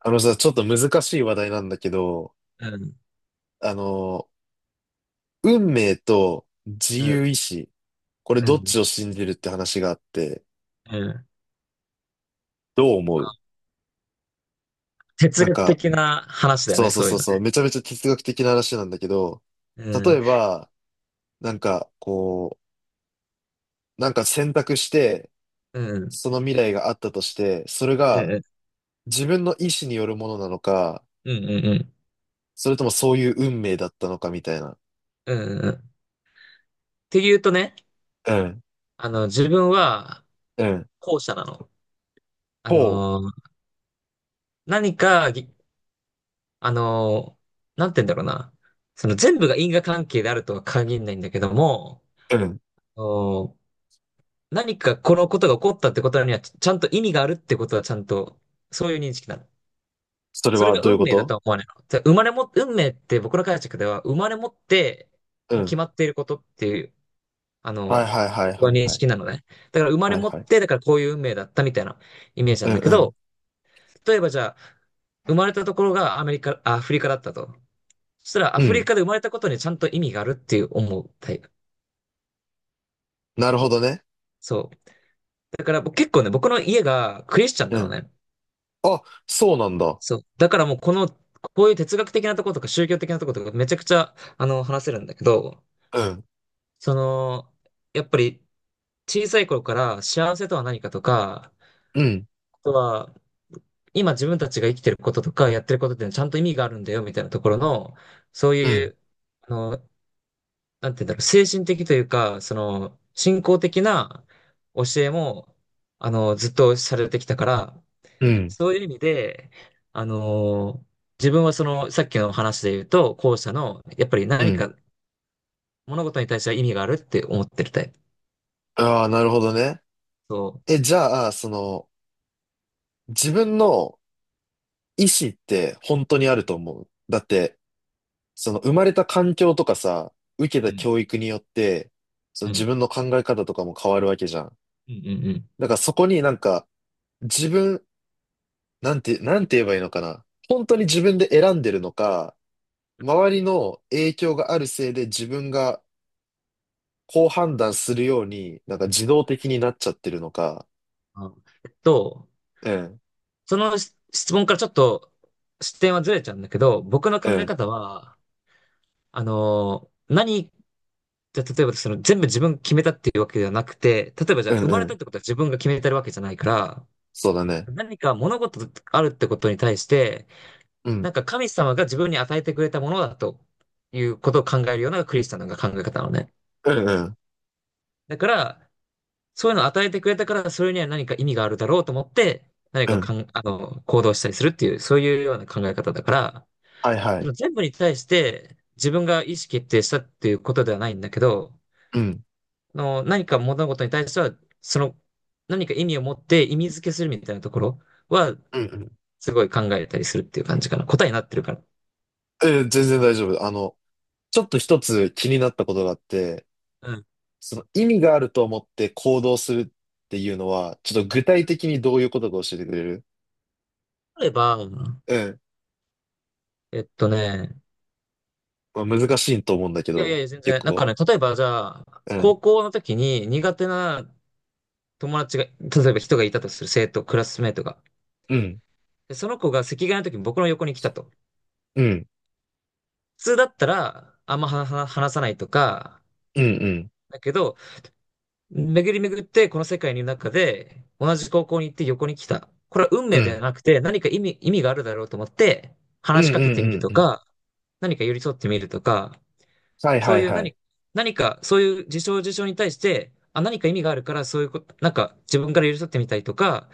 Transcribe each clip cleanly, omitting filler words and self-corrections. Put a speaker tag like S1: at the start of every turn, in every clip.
S1: あのさ、ちょっと難しい話題なんだけど、
S2: うん、
S1: あの、運命と自
S2: う
S1: 由
S2: ん、
S1: 意志、これ
S2: う
S1: どっち
S2: ん、
S1: を信じるって話があって、
S2: うん。
S1: どう思う？
S2: あ、哲
S1: なん
S2: 学
S1: か、
S2: 的な話だよ
S1: そ
S2: ね、
S1: うそう
S2: そうい
S1: そ
S2: う
S1: う
S2: の
S1: そ
S2: ね。
S1: う、めちゃめちゃ哲学的な話なんだけど、
S2: う
S1: 例
S2: ん、
S1: えば、なんかこう、なんか選択して、
S2: うん、
S1: その未来があったとして、それ
S2: う
S1: が
S2: ん、
S1: 自分の意志によるものなのか、
S2: うん、うん、うん。
S1: それともそういう運命だったのかみたいな。
S2: うんうんっていうとね、
S1: うん。
S2: 自分は
S1: うん。
S2: 後者なの。あ
S1: ほ
S2: の、何かぎ、あの、なんて言うんだろうな。その全部が因果関係であるとは限らないんだけども、
S1: う。うん。
S2: お何かこのことが起こったってことにはちゃんと意味があるってことはちゃんと、そういう認識なの。
S1: それ
S2: それ
S1: は
S2: が
S1: どういう
S2: 運
S1: こ
S2: 命だ
S1: と？
S2: とは思わないの。じゃあ生まれも、運命って僕の解釈では、生まれ持って、もう決まっていることっていう、あ
S1: はい
S2: の、
S1: はいはい
S2: 僕は
S1: はい
S2: 認
S1: はい。
S2: 識なのね。だから生まれ
S1: はい
S2: 持っ
S1: はい。
S2: て、だからこういう運命だったみたいなイメージなん
S1: う
S2: だけど、
S1: ん
S2: 例えばじゃあ、生まれたところがアフリカだったと。そしたらア
S1: うん。う
S2: フリ
S1: ん。
S2: カで生まれたことにちゃんと意味があるっていう思うタイプ。
S1: なるほどね。
S2: そう。だから僕結構ね、僕の家がクリスチャンな
S1: う
S2: の
S1: ん。
S2: ね。
S1: あ、そうなんだ。
S2: そう。だからもうこの、こういう哲学的なところとか宗教的なところとかめちゃくちゃ、話せるんだけど、
S1: うん。
S2: その、やっぱり小さい頃から幸せとは何かとか、
S1: うん。
S2: あとは今自分たちが生きてることとかやってることっていうのはちゃんと意味があるんだよみたいなところの、そう
S1: う
S2: い
S1: ん。
S2: う、あの、なんて言うんだろう、精神的というか、信仰的な教えも、ずっとされてきたから、
S1: うん。
S2: そういう意味で、あの、自分はさっきの話で言うと、後者の、やっぱり
S1: う
S2: 何
S1: ん。
S2: か物事に対しては意味があるって思ってるタイプ。
S1: ああ、なるほどね。
S2: そ
S1: え、じゃあ、その、自分の意思って本当にあると思う。だって、その生まれた環境とかさ、受けた
S2: う。うん。
S1: 教育によって、その
S2: う
S1: 自
S2: ん
S1: 分の考え方とかも変わるわけじゃん。
S2: うんうんうん。
S1: だからそこになんか、自分、なんて言えばいいのかな。本当に自分で選んでるのか、周りの影響があるせいで自分がこう判断するように、なんか自動的になっちゃってるのか。
S2: あえっと、
S1: うん。
S2: その質問からちょっと視点はずれちゃうんだけど、僕の
S1: う
S2: 考え
S1: ん。
S2: 方は、あの、何、じゃあ例えばその全部自分決めたっていうわけではなくて、例えばじゃ
S1: う
S2: あ生
S1: ん。
S2: ま
S1: う
S2: れた
S1: ん。
S2: ってことは自分が決めてるわけじゃないか
S1: そうだね。
S2: ら、何か物事あるってことに対して、
S1: う
S2: な
S1: ん。
S2: んか神様が自分に与えてくれたものだということを考えるようなクリスチャンの考え方なのね。
S1: うん。うん。
S2: だから、そういうのを与えてくれたから、それには何か意味があるだろうと思って、何
S1: う
S2: か
S1: ん。
S2: 行動したりするっていう、そういうような考え方だから、
S1: はいは
S2: そ
S1: い。
S2: の全部に対して自分が意思決定したっていうことではないんだけど、
S1: うん。
S2: 何か物事に対しては、その、何か意味を持って意味付けするみたいなところは、
S1: うん。うん。
S2: すごい考えたりするっていう感じかな。答えになってるから。
S1: 全然大丈夫。ちょっと一つ気になったことがあって、
S2: うん。
S1: その意味があると思って行動するっていうのは、ちょっと具体的にどういうことか教えてくれる？
S2: 例えば、
S1: うん。
S2: えっとね、
S1: まあ、難しいと思うんだけ
S2: いやいや
S1: ど、
S2: いや、全
S1: 結
S2: 然、なんか
S1: 構。
S2: ね、例えばじゃあ、
S1: うん。
S2: 高校の時に苦手な友達が、例えば人がいたとする生徒、クラスメートが。
S1: うん。
S2: で、その子が席替えの時に僕の横に来たと。
S1: うん。
S2: 普通だったら、あんまは話さないとか、
S1: うん。うん。
S2: だけど、巡り巡ってこの世界の中で、同じ高校に行って横に来た。これは運
S1: うん。
S2: 命
S1: う
S2: では
S1: ん。
S2: なくて、何か意味があるだろうと思って、
S1: うん。
S2: 話
S1: う
S2: しかけてみる
S1: ん。
S2: と
S1: うん。
S2: か、何か寄り添ってみるとか、
S1: はい
S2: そ
S1: は
S2: う
S1: い
S2: いう
S1: はい。
S2: 何か、そういう事象事象に対して、あ、何か意味があるから、そういうこと、なんか自分から寄り添ってみたりとか、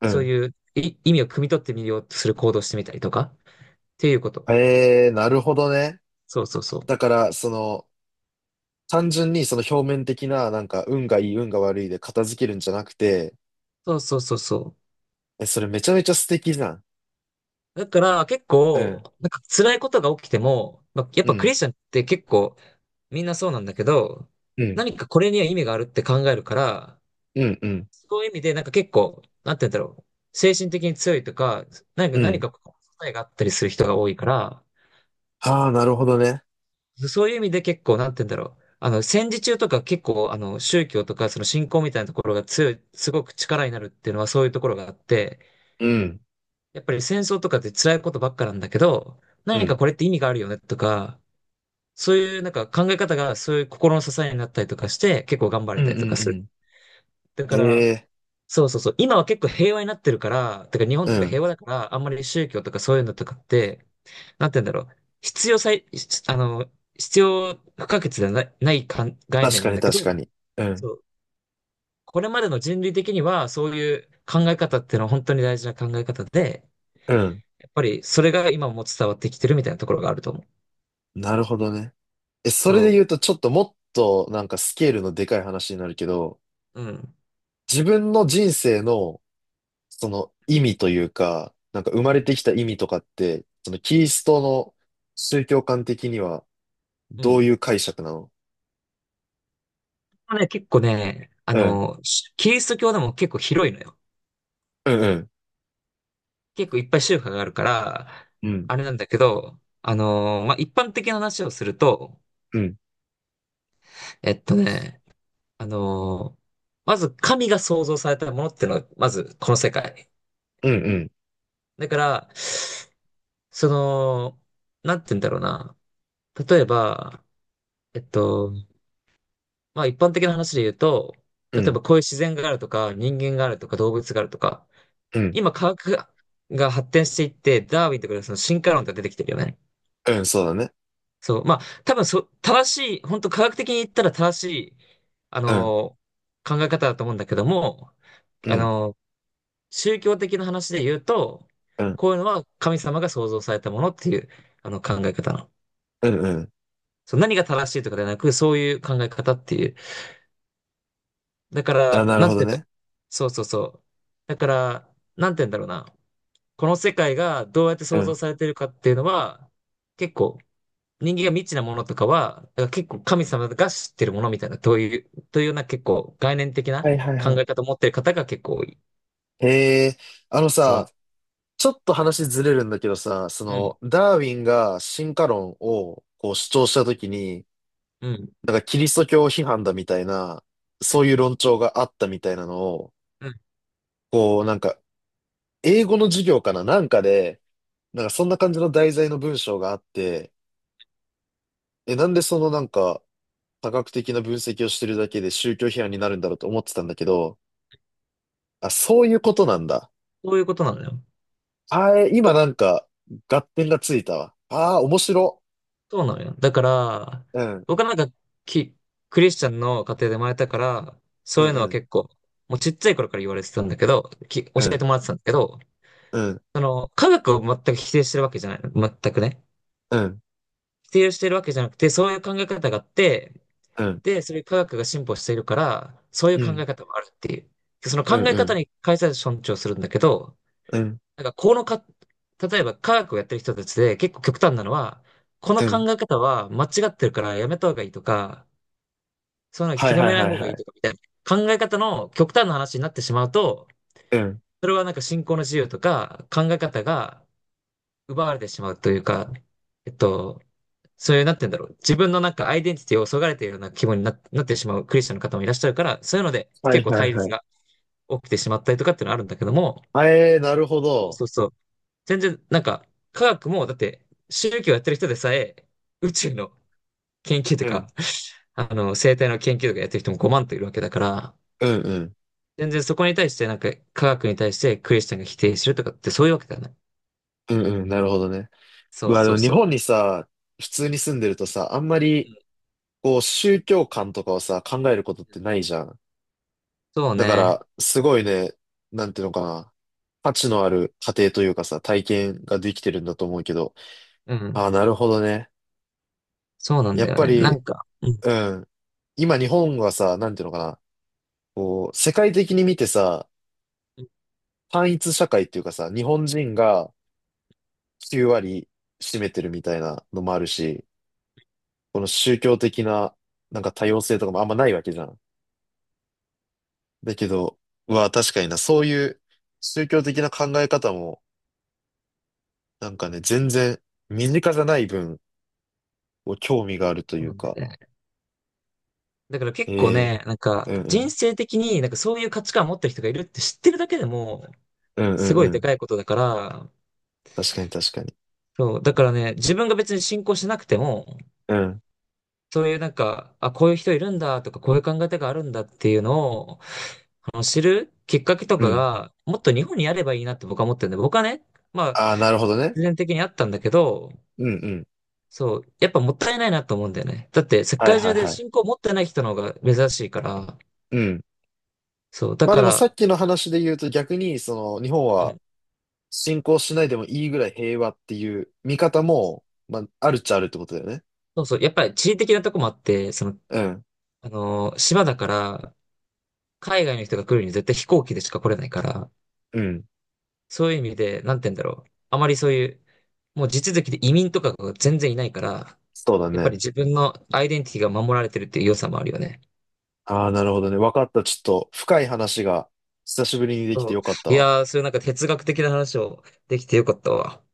S1: う
S2: そう
S1: ん。
S2: いう意味を汲み取ってみようとする行動をしてみたりとか、っていうこと。
S1: ええ、なるほどね。
S2: そうそうそう。
S1: だから、その、単純にその表面的な、なんか、運がいい、運が悪いで片付けるんじゃなくて、
S2: そうそうそうそ
S1: え、それめちゃめちゃ素敵じゃん。
S2: う。だから結
S1: う
S2: 構、
S1: ん。
S2: なんか辛いことが起きても、まあ、やっ
S1: う
S2: ぱク
S1: ん。
S2: リスチャンって結構みんなそうなんだけど、
S1: うん。
S2: 何かこれには意味があるって考えるから、
S1: うん。うん。
S2: そういう意味でなんか結構、なんて言うんだろう。精神的に強いとか、何か
S1: う
S2: 何
S1: ん。
S2: かこう答えがあったりする人が多いから、
S1: ああ、なるほどね。
S2: そういう意味で結構、なんて言うんだろう。戦時中とか結構、宗教とか、その信仰みたいなところが強い、すごく力になるっていうのはそういうところがあって、
S1: うん。
S2: やっぱり戦争とかって辛いことばっかなんだけど、
S1: う
S2: 何か
S1: ん。
S2: これって意味があるよねとか、そういうなんか考え方がそういう心の支えになったりとかして、結構頑張れ
S1: うん。う
S2: たりとかする。
S1: ん。
S2: だ
S1: う
S2: か
S1: ん。え
S2: ら、
S1: え、
S2: そうそうそう、今は結構平和になってるから、だから日本
S1: う
S2: とか
S1: ん。
S2: 平和だから、あんまり宗教とかそういうのとかって、なんて言うんだろう、必要最、あの、必要不可欠ではないないかん概
S1: 確
S2: 念な
S1: か
S2: ん
S1: に
S2: だけ
S1: 確か
S2: ど、
S1: に。うん。
S2: そう、これまでの人類的にはそういう考え方っていうのは本当に大事な考え方で、
S1: うん。
S2: やっぱりそれが今も伝わってきてるみたいなところがあると思う。
S1: なるほどね。え、それで
S2: そ
S1: 言うと、ちょっともっと、なんか、スケールのでかい話になるけど、
S2: う、うん。
S1: 自分の人生の、その意味というか、なんか生まれてきた意味とかって、そのキリストの宗教観的には
S2: う
S1: どうい
S2: ん。
S1: う解釈なの？
S2: ね、結構ね、
S1: うん。
S2: キリスト教でも結構広いのよ。
S1: うん。
S2: 結構いっぱい宗派があるから、
S1: うん。
S2: あれなんだけど、まあ、一般的な話をすると、
S1: うん。うん。
S2: えっとね、あのーまず神が創造されたものっていうのはまずこの世界。
S1: うん。うん。
S2: だから、その、なんて言うんだろうな。例えば、えっと、まあ、一般的な話で言うと、
S1: う
S2: 例え
S1: ん。
S2: ばこういう自然があるとか、人間があるとか、動物があるとか、
S1: うん。
S2: 今科学が発展していって、ダーウィンとかでその進化論が出てきてるよね。
S1: そうだね。
S2: そう。まあ、多分正しい、本当科学的に言ったら正しい、あ
S1: うん。
S2: のー考え方だと思うんだけども、
S1: う
S2: あ
S1: ん。
S2: のー宗教的な話で言うと、
S1: うん。
S2: こういうのは神様が創造されたものっていう、あの考え方なの。
S1: うん。うん。
S2: そう、何が正しいとかではなく、そういう考え方っていう。だか
S1: あ、
S2: ら、
S1: なる
S2: な
S1: ほ
S2: ん
S1: ど
S2: て言っ
S1: ね。
S2: たそうそうそう。だから、なんて言うんだろうな。この世界がどうやって
S1: う
S2: 創造
S1: ん。
S2: されてるかっていうのは、結構人間が未知なものとかは、だから結構神様が知ってるものみたいな、というような結構概念的な
S1: はいはい
S2: 考
S1: はい。
S2: え方を持ってる方が結構多い。
S1: へえ、あの
S2: そ
S1: さ、ちょっと話ずれるんだけどさ、そ
S2: う。うん、
S1: の、ダーウィンが進化論をこう主張したときに、
S2: うん、
S1: なんかキリスト教批判だみたいな、そういう論調があったみたいなのを、
S2: うん。
S1: こう、なんか、英語の授業かななんかで、なんかそんな感じの題材の文章があって、え、なんでそのなんか、多角的な分析をしてるだけで宗教批判になるんだろうと思ってたんだけど、あ、そういうことなんだ。
S2: そういうことなのよ。
S1: あー、え今なんか、合点がついたわ。ああ、面白。
S2: そうなのよ。だから、
S1: うん。
S2: 僕はなんかキ、クリスチャンの家庭で生まれたから、
S1: う
S2: そうい
S1: ん。
S2: うの
S1: う
S2: は
S1: ん。
S2: 結構、もうちっちゃい頃から言われてたんだけど、教
S1: う
S2: え
S1: ん。
S2: てもらってたんだけど、
S1: うん。
S2: 科学を全く否定してるわけじゃない。全くね。
S1: うん。
S2: 否定してるわけじゃなくて、そういう考え方があって、
S1: うん。
S2: で、それ科学が進歩しているから、そうい
S1: う
S2: う
S1: ん。う
S2: 考
S1: ん。
S2: え方もあるっていう。その
S1: う
S2: 考え方
S1: ん。
S2: に関して尊重するんだけど、
S1: うん。
S2: なんかこのか、例えば科学をやってる人たちで結構極端なのは、こ
S1: う
S2: の
S1: ん。
S2: 考え方は間違ってるからやめた方がいいとか、そういうの
S1: はい
S2: 広
S1: はい
S2: めない
S1: はい
S2: 方が
S1: は
S2: いい
S1: い。
S2: とかみたいな考え方の極端な話になってしまうと、
S1: うん。
S2: それはなんか信仰の自由とか考え方が奪われてしまうというか、えっと、そういう、なんて言うんだろう。自分のなんかアイデンティティをそがれているような気分になってしまうクリスチャンの方もいらっしゃるから、そういうので
S1: は
S2: 結
S1: い
S2: 構
S1: は
S2: 対
S1: いは
S2: 立
S1: い。
S2: が起きてしまったりとかっていうのはあるんだけども、
S1: あえー、なるほ
S2: そう
S1: ど。
S2: そうそう。全然なんか科学もだって宗教やってる人でさえ宇宙の研究と
S1: う
S2: か、
S1: ん。
S2: 生態の研究とかやってる人も5万といるわけだから、
S1: うん。うん。
S2: 全然そこに対してなんか科学に対してクリスチャンが否定するとかってそういうわけではない。
S1: うん。うん。なるほどね。
S2: そう
S1: まあ、で
S2: そ
S1: も
S2: う
S1: 日
S2: そ
S1: 本にさ、普通に住んでるとさ、あんま
S2: う。
S1: り、
S2: うん
S1: こう、宗教観とかをさ、考えることっ
S2: う
S1: て
S2: ん
S1: ないじゃん。
S2: そう
S1: だか
S2: ね。
S1: ら、すごいね、なんていうのかな。価値のある過程というかさ、体験ができてるんだと思うけど。
S2: う
S1: あ
S2: ん。
S1: あ、なるほどね。
S2: そうなん
S1: や
S2: だ
S1: っ
S2: よ
S1: ぱ
S2: ね。な
S1: り、
S2: んか、うん。
S1: うん。今日本はさ、なんていうのかな。こう、世界的に見てさ、
S2: うん
S1: 単一社会っていうかさ、日本人が9割占めてるみたいなのもあるし、この宗教的な、なんか多様性とかもあんまないわけじゃん。だけど、は確かにな、そういう宗教的な考え方も、なんかね、全然身近じゃない分、こう興味があると
S2: そう
S1: い
S2: な
S1: う
S2: んだよ
S1: か、
S2: ね。だから結構
S1: ええ
S2: ね、なんか
S1: うんう
S2: 人
S1: ん、
S2: 生的になんかそういう価値観を持ってる人がいるって知ってるだけでも
S1: うんう
S2: す
S1: ん
S2: ご
S1: う
S2: いで
S1: ん、
S2: かいことだから、
S1: 確かに確かに。
S2: そう、だからね、自分が別に信仰しなくても、
S1: うん。
S2: そういうなんか、あ、こういう人いるんだとか、こういう考え方があるんだっていうのを、知るきっかけと
S1: う
S2: か
S1: ん。
S2: が、もっと日本にあればいいなって僕は思ってるんで、僕はね、まあ、
S1: ああ、なるほどね。
S2: 自然的にあったんだけど、
S1: うんうん。
S2: そう、やっぱもったいないなと思うんだよね。だって世
S1: はい
S2: 界
S1: はい
S2: 中で
S1: はい。
S2: 信仰を持ってない人の方が珍しいから、
S1: うん。
S2: そう、だ
S1: まあ
S2: か
S1: でもさっ
S2: ら、
S1: きの話で言うと逆に、その、日本
S2: う
S1: は
S2: ん
S1: 侵攻しないでもいいぐらい平和っていう見方も、まあ、あるっちゃあるってことだよね。
S2: そうそう。やっぱり地理的なとこもあって、
S1: うん。
S2: 島だから、海外の人が来るには絶対飛行機でしか来れないから、
S1: うん。
S2: そういう意味で、なんて言うんだろう。あまりそういう、もう地続きで移民とかが全然いないから、
S1: そうだ
S2: やっぱり
S1: ね。
S2: 自分のアイデンティティが守られてるっていう良さもあるよね。
S1: ああ、なるほどね。わかった。ちょっと深い話が久しぶりにでき
S2: そ
S1: てよかった
S2: う。い
S1: わ。
S2: やー、そういうなんか哲学的な話をできてよかったわ。